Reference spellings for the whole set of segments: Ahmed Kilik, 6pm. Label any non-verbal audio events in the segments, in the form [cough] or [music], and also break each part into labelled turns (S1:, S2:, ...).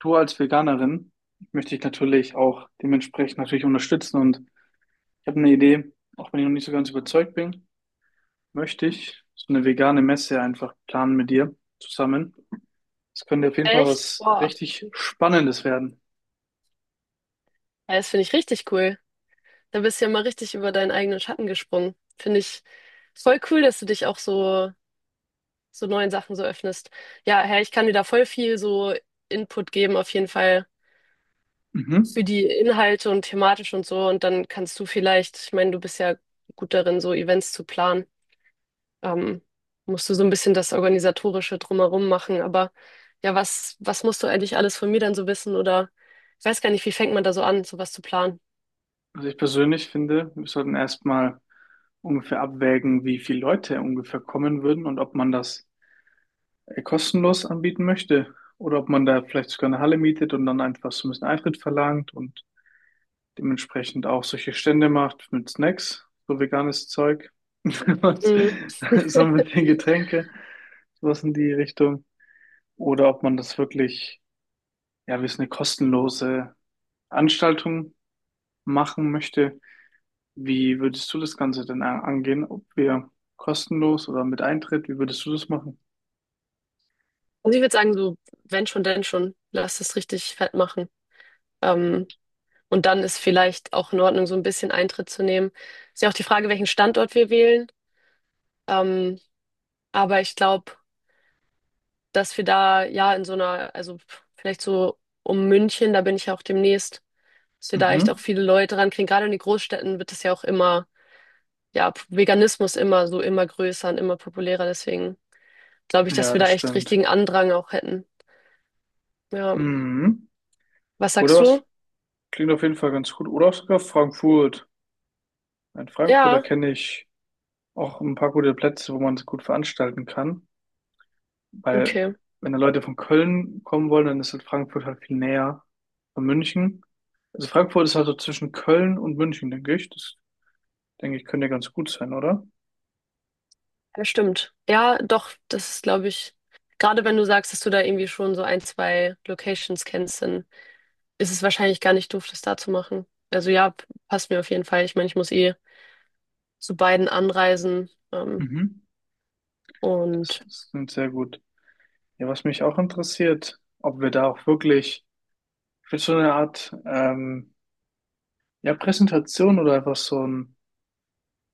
S1: Du als Veganerin möchte ich natürlich auch dementsprechend natürlich unterstützen und ich habe eine Idee, auch wenn ich noch nicht so ganz überzeugt bin, möchte ich so eine vegane Messe einfach planen mit dir zusammen. Das könnte auf jeden Fall
S2: Echt?
S1: was
S2: Boah,
S1: richtig Spannendes werden.
S2: ja, das finde ich richtig cool. Da bist du ja mal richtig über deinen eigenen Schatten gesprungen. Finde ich voll cool, dass du dich so neuen Sachen so öffnest. Ja, Herr, ich kann dir da voll viel so Input geben, auf jeden Fall für
S1: Mhm.
S2: die Inhalte und thematisch und so. Und dann kannst du vielleicht, ich meine, du bist ja gut darin, so Events zu planen. Ähm, Musst du so ein bisschen das Organisatorische drumherum machen. Aber ja, was musst du eigentlich alles von mir dann so wissen? Oder ich weiß gar nicht, wie fängt man da so an, sowas zu planen?
S1: Also ich persönlich finde, wir sollten erstmal ungefähr abwägen, wie viele Leute ungefähr kommen würden und ob man das kostenlos anbieten möchte oder ob man da vielleicht sogar eine Halle mietet und dann einfach so ein bisschen Eintritt verlangt und dementsprechend auch solche Stände macht mit Snacks, so veganes Zeug, [laughs]
S2: Mhm.
S1: so ein bisschen Getränke, sowas in die Richtung. Oder ob man das wirklich, ja, wie es eine kostenlose Anstaltung machen möchte. Wie würdest du das Ganze denn angehen? Ob wir kostenlos oder mit Eintritt, wie würdest du das machen?
S2: Also ich würde sagen, so, wenn schon, denn schon, lass es richtig fett machen. Ähm, und dann ist vielleicht auch in Ordnung, so ein bisschen Eintritt zu nehmen. Ist ja auch die Frage, welchen Standort wir wählen. Ähm, aber ich glaube, dass wir da ja in so einer, also vielleicht so um München, da bin ich ja auch demnächst, dass wir da echt auch
S1: Mhm.
S2: viele Leute rankriegen. Gerade in den Großstädten wird das ja auch immer, ja, Veganismus immer so immer größer und immer populärer. Deswegen glaube ich, dass
S1: Ja,
S2: wir
S1: das
S2: da echt
S1: stimmt.
S2: richtigen Andrang auch hätten. Ja.
S1: Mhm.
S2: Was
S1: Oder
S2: sagst du?
S1: was? Klingt auf jeden Fall ganz gut. Oder auch sogar Frankfurt. Ein Frankfurter
S2: Ja,
S1: kenne ich auch ein paar gute Plätze, wo man es gut veranstalten kann. Weil
S2: okay.
S1: wenn da Leute von Köln kommen wollen, dann ist halt Frankfurt halt viel näher von München. Also Frankfurt ist halt so zwischen Köln und München, denke ich. Das denke ich könnte ja ganz gut sein, oder?
S2: Das stimmt. Ja, doch, das ist, glaube ich, gerade wenn du sagst, dass du da irgendwie schon so ein, zwei Locations kennst, dann ist es wahrscheinlich gar nicht doof, das da zu machen. Also ja, passt mir auf jeden Fall. Ich meine, ich muss eh zu beiden anreisen.
S1: Mhm.
S2: Und
S1: Das ist klingt sehr gut. Ja, Was mich auch interessiert, ob wir da auch wirklich für so eine Art ja, Präsentation oder einfach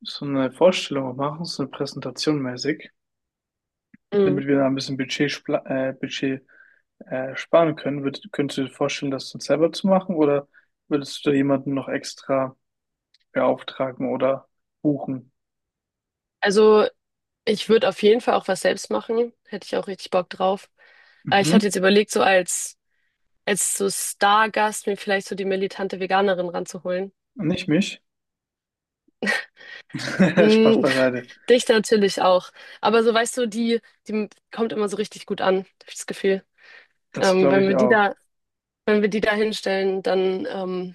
S1: so eine Vorstellung auch machen, so eine Präsentation mäßig,
S2: mh.
S1: damit wir da ein bisschen Budget, Budget sparen können. Könntest du dir vorstellen, das dann selber zu machen oder würdest du da jemanden noch extra beauftragen oder buchen?
S2: Also ich würde auf jeden Fall auch was selbst machen. Hätte ich auch richtig Bock drauf. Ich hatte
S1: Mhm.
S2: jetzt überlegt, als so Stargast mir vielleicht so die militante Veganerin ranzuholen.
S1: Nicht mich. [laughs] Spaß
S2: Hm,
S1: beiseite.
S2: Dich natürlich auch. Aber so weißt du, die kommt immer so richtig gut an, hab ich das Gefühl.
S1: Das
S2: Ähm,
S1: glaube
S2: wenn
S1: ich
S2: wir die
S1: auch.
S2: da, wenn wir die da hinstellen, dann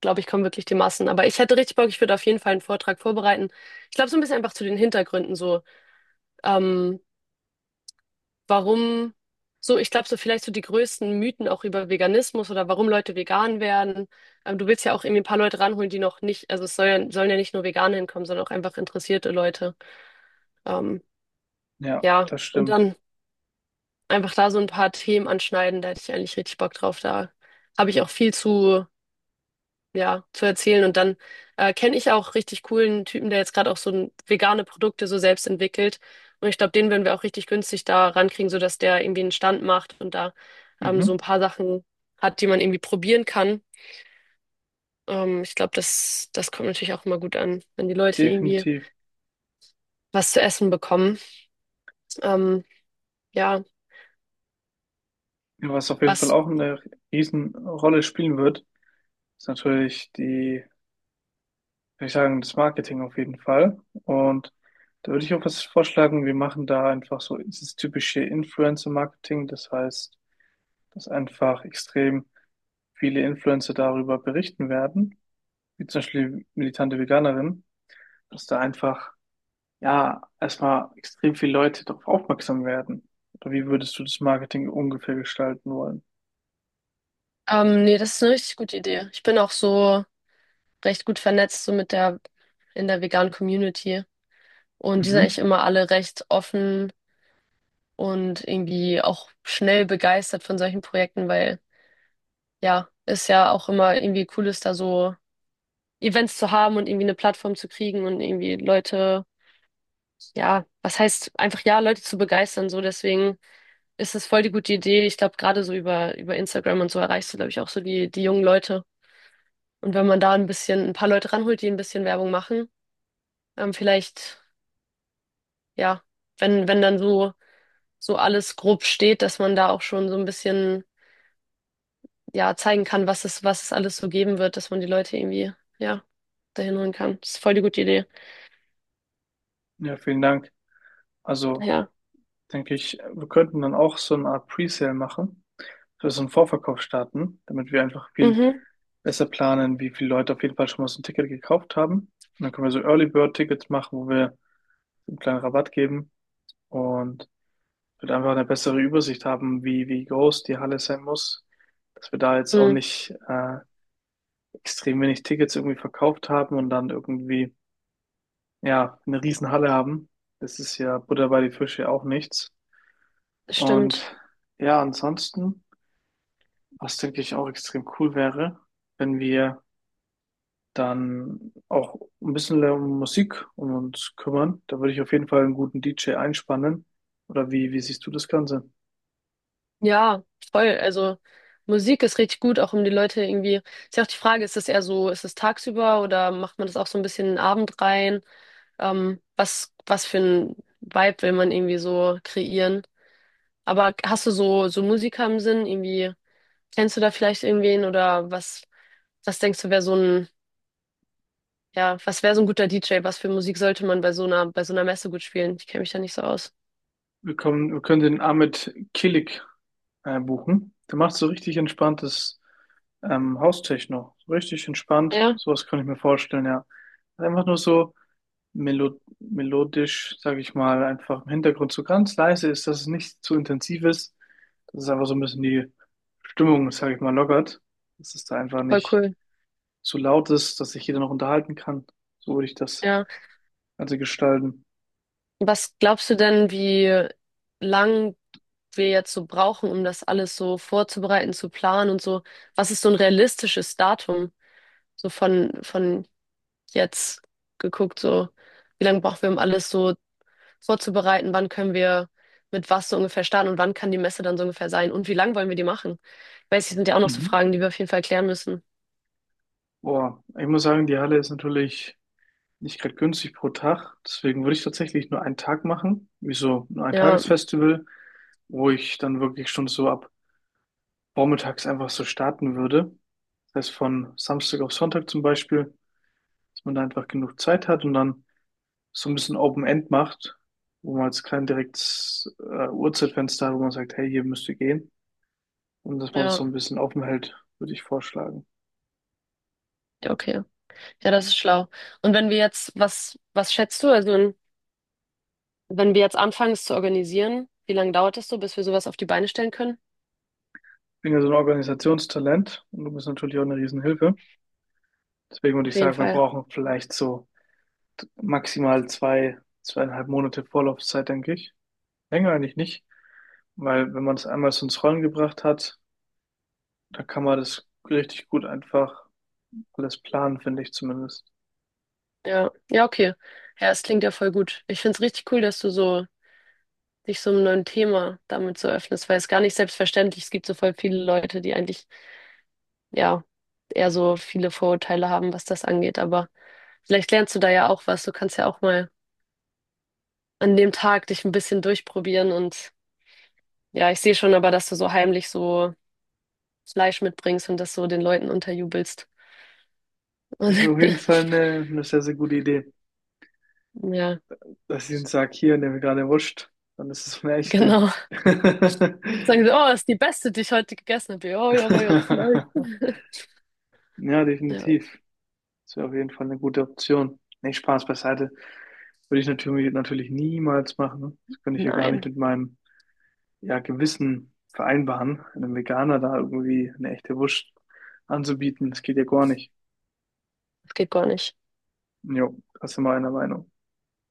S2: glaube ich, kommen wirklich die Massen. Aber ich hätte richtig Bock, ich würde auf jeden Fall einen Vortrag vorbereiten. Ich glaube, so ein bisschen einfach zu den Hintergründen, so ähm, warum, so ich glaube, so vielleicht so die größten Mythen auch über Veganismus oder warum Leute vegan werden. Du willst ja auch irgendwie ein paar Leute ranholen, die noch nicht, also es soll ja, sollen ja nicht nur Veganer hinkommen, sondern auch einfach interessierte Leute. Ähm,
S1: Ja,
S2: ja,
S1: das
S2: und
S1: stimmt.
S2: dann einfach da so ein paar Themen anschneiden. Da hätte ich eigentlich richtig Bock drauf. Da habe ich auch viel zu, ja, zu erzählen. Und dann kenne ich auch richtig coolen Typen, der jetzt gerade auch vegane Produkte so selbst entwickelt. Und ich glaube, den würden wir auch richtig günstig da rankriegen, sodass der irgendwie einen Stand macht und da so ein
S1: Mhm.
S2: paar Sachen hat, die man irgendwie probieren kann. Ich glaube, das kommt natürlich auch immer gut an, wenn die Leute irgendwie
S1: Definitiv.
S2: was zu essen bekommen. Ähm, ja,
S1: Ja, was auf jeden Fall
S2: was.
S1: auch eine Riesenrolle spielen wird, ist natürlich die würde ich sagen, das Marketing auf jeden Fall. Und da würde ich auch was vorschlagen. Wir machen da einfach so dieses typische Influencer-Marketing. Das heißt, dass einfach extrem viele Influencer darüber berichten werden, wie zum Beispiel militante Veganerin, dass da einfach, ja, erstmal extrem viele Leute darauf aufmerksam werden. Oder wie würdest du das Marketing ungefähr gestalten wollen?
S2: Nee, das ist eine richtig gute Idee. Ich bin auch so recht gut vernetzt, in der veganen Community. Und die sind eigentlich
S1: Mhm.
S2: immer alle recht offen und irgendwie auch schnell begeistert von solchen Projekten, weil ja, ist ja auch immer irgendwie cool ist, da so Events zu haben und irgendwie eine Plattform zu kriegen und irgendwie Leute, ja, was heißt einfach ja, Leute zu begeistern, so deswegen ist es voll die gute Idee. Ich glaube, gerade so über Instagram und so erreichst du, glaube ich, auch so die jungen Leute. Und wenn man da ein bisschen, ein paar Leute ranholt, die ein bisschen Werbung machen, vielleicht ja, wenn dann so, so alles grob steht, dass man da auch schon so ein bisschen, ja, zeigen kann, was es alles so geben wird, dass man die Leute irgendwie, ja, dahin holen kann. Das ist voll die gute Idee.
S1: Ja, vielen Dank. Also,
S2: Ja.
S1: denke ich, wir könnten dann auch so eine Art Presale machen, für so einen Vorverkauf starten, damit wir einfach viel
S2: Mhm.
S1: besser planen, wie viele Leute auf jeden Fall schon mal so ein Ticket gekauft haben. Und dann können wir so Early Bird Tickets machen, wo wir so einen kleinen Rabatt geben und wird einfach eine bessere Übersicht haben, wie groß die Halle sein muss, dass wir da jetzt auch
S2: Mhm.
S1: nicht extrem wenig Tickets irgendwie verkauft haben und dann irgendwie ja eine riesen Halle haben. Das ist ja Butter bei die Fische auch nichts.
S2: Stimmt.
S1: Und ja, ansonsten. Was, denke ich, auch extrem cool wäre, wenn wir dann auch ein bisschen mehr um Musik um uns kümmern. Da würde ich auf jeden Fall einen guten DJ einspannen. Oder wie siehst du das Ganze?
S2: Ja, voll. Also Musik ist richtig gut, auch um die Leute irgendwie. Ist ja auch die Frage, ist es eher so, ist es tagsüber oder macht man das auch so ein bisschen in den Abend rein? Was für ein Vibe will man irgendwie so kreieren? Aber hast du so Musiker im Sinn, irgendwie? Kennst du da vielleicht irgendwen oder was, was denkst du, wäre so ein, ja, was wäre so ein guter DJ? Was für Musik sollte man bei so einer Messe gut spielen? Ich kenne mich da nicht so aus.
S1: Wir können den Ahmed Kilik buchen. Der macht so richtig entspanntes Haustechno. So richtig entspannt.
S2: Ja,
S1: Sowas kann ich mir vorstellen, ja. Einfach nur so melodisch, sage ich mal, einfach im Hintergrund so ganz leise ist, dass es nicht zu intensiv ist, dass es einfach so ein bisschen die Stimmung, sage ich mal, lockert, dass es da einfach
S2: voll
S1: nicht
S2: cool.
S1: zu laut ist, dass sich jeder noch unterhalten kann. So würde ich das
S2: Ja.
S1: Ganze gestalten.
S2: Was glaubst du denn, wie lang wir jetzt so brauchen, um das alles so vorzubereiten, zu planen und so? Was ist so ein realistisches Datum? So von jetzt geguckt, so wie lange brauchen wir, um alles so vorzubereiten, wann können wir mit was so ungefähr starten und wann kann die Messe dann so ungefähr sein und wie lang wollen wir die machen? Ich weiß, das sind ja auch noch so
S1: Mhm.
S2: Fragen, die wir auf jeden Fall klären müssen.
S1: Boah, ich muss sagen, die Halle ist natürlich nicht gerade günstig pro Tag. Deswegen würde ich tatsächlich nur einen Tag machen, wie so ein
S2: Ja,
S1: Tagesfestival, wo ich dann wirklich schon so ab vormittags einfach so starten würde. Das heißt, von Samstag auf Sonntag zum Beispiel, dass man da einfach genug Zeit hat und dann so ein bisschen Open End macht, wo man jetzt kein direktes Uhrzeitfenster hat, wo man sagt, hey, hier müsst ihr gehen. Und dass man das
S2: ja,
S1: so ein bisschen offen hält, würde ich vorschlagen.
S2: ja, okay. Ja, das ist schlau. Und wenn wir jetzt, was, was schätzt du? Also, wenn wir jetzt anfangen, es zu organisieren, wie lange dauert es so, bis wir sowas auf die Beine stellen können?
S1: Ich bin ja so ein Organisationstalent und du bist natürlich auch eine Riesenhilfe. Deswegen würde
S2: Auf
S1: ich
S2: jeden
S1: sagen, wir
S2: Fall.
S1: brauchen vielleicht so maximal zwei, 2,5 Monate Vorlaufzeit, denke ich. Länger eigentlich nicht, weil wenn man es einmal so ins Rollen gebracht hat, da kann man das richtig gut einfach alles planen, finde ich zumindest.
S2: Ja, ja, okay. Ja, es klingt ja voll gut. Ich finde es richtig cool, dass du so dich so einem neuen Thema damit so öffnest, weil es gar nicht selbstverständlich ist. Es gibt so voll viele Leute, die eigentlich ja, eher so viele Vorurteile haben, was das angeht. Aber vielleicht lernst du da ja auch was. Du kannst ja auch mal an dem Tag dich ein bisschen durchprobieren. Und ja, ich sehe schon aber, dass du so heimlich so Fleisch mitbringst und das so den Leuten unterjubelst. Und
S1: Ist mir auf jeden
S2: [laughs]
S1: Fall eine sehr, sehr gute Idee,
S2: ja,
S1: dass ich ihnen sage, hier, nehme gerade Wurst, dann ist es so eine echte.
S2: genau.
S1: [laughs]
S2: Sagen sie, oh, ist die beste, die ich heute gegessen habe. Ja, ja, war ja auch Fleisch. [laughs]
S1: Ja,
S2: Ja,
S1: definitiv. Das wäre auf jeden Fall eine gute Option. Nee, Spaß beiseite. Würde ich natürlich, natürlich niemals machen. Das könnte ich ja gar nicht
S2: nein,
S1: mit meinem ja, Gewissen vereinbaren, einem Veganer da irgendwie eine echte Wurst anzubieten. Das geht ja gar nicht.
S2: das geht gar nicht.
S1: Jo, das sind wir einer Meinung.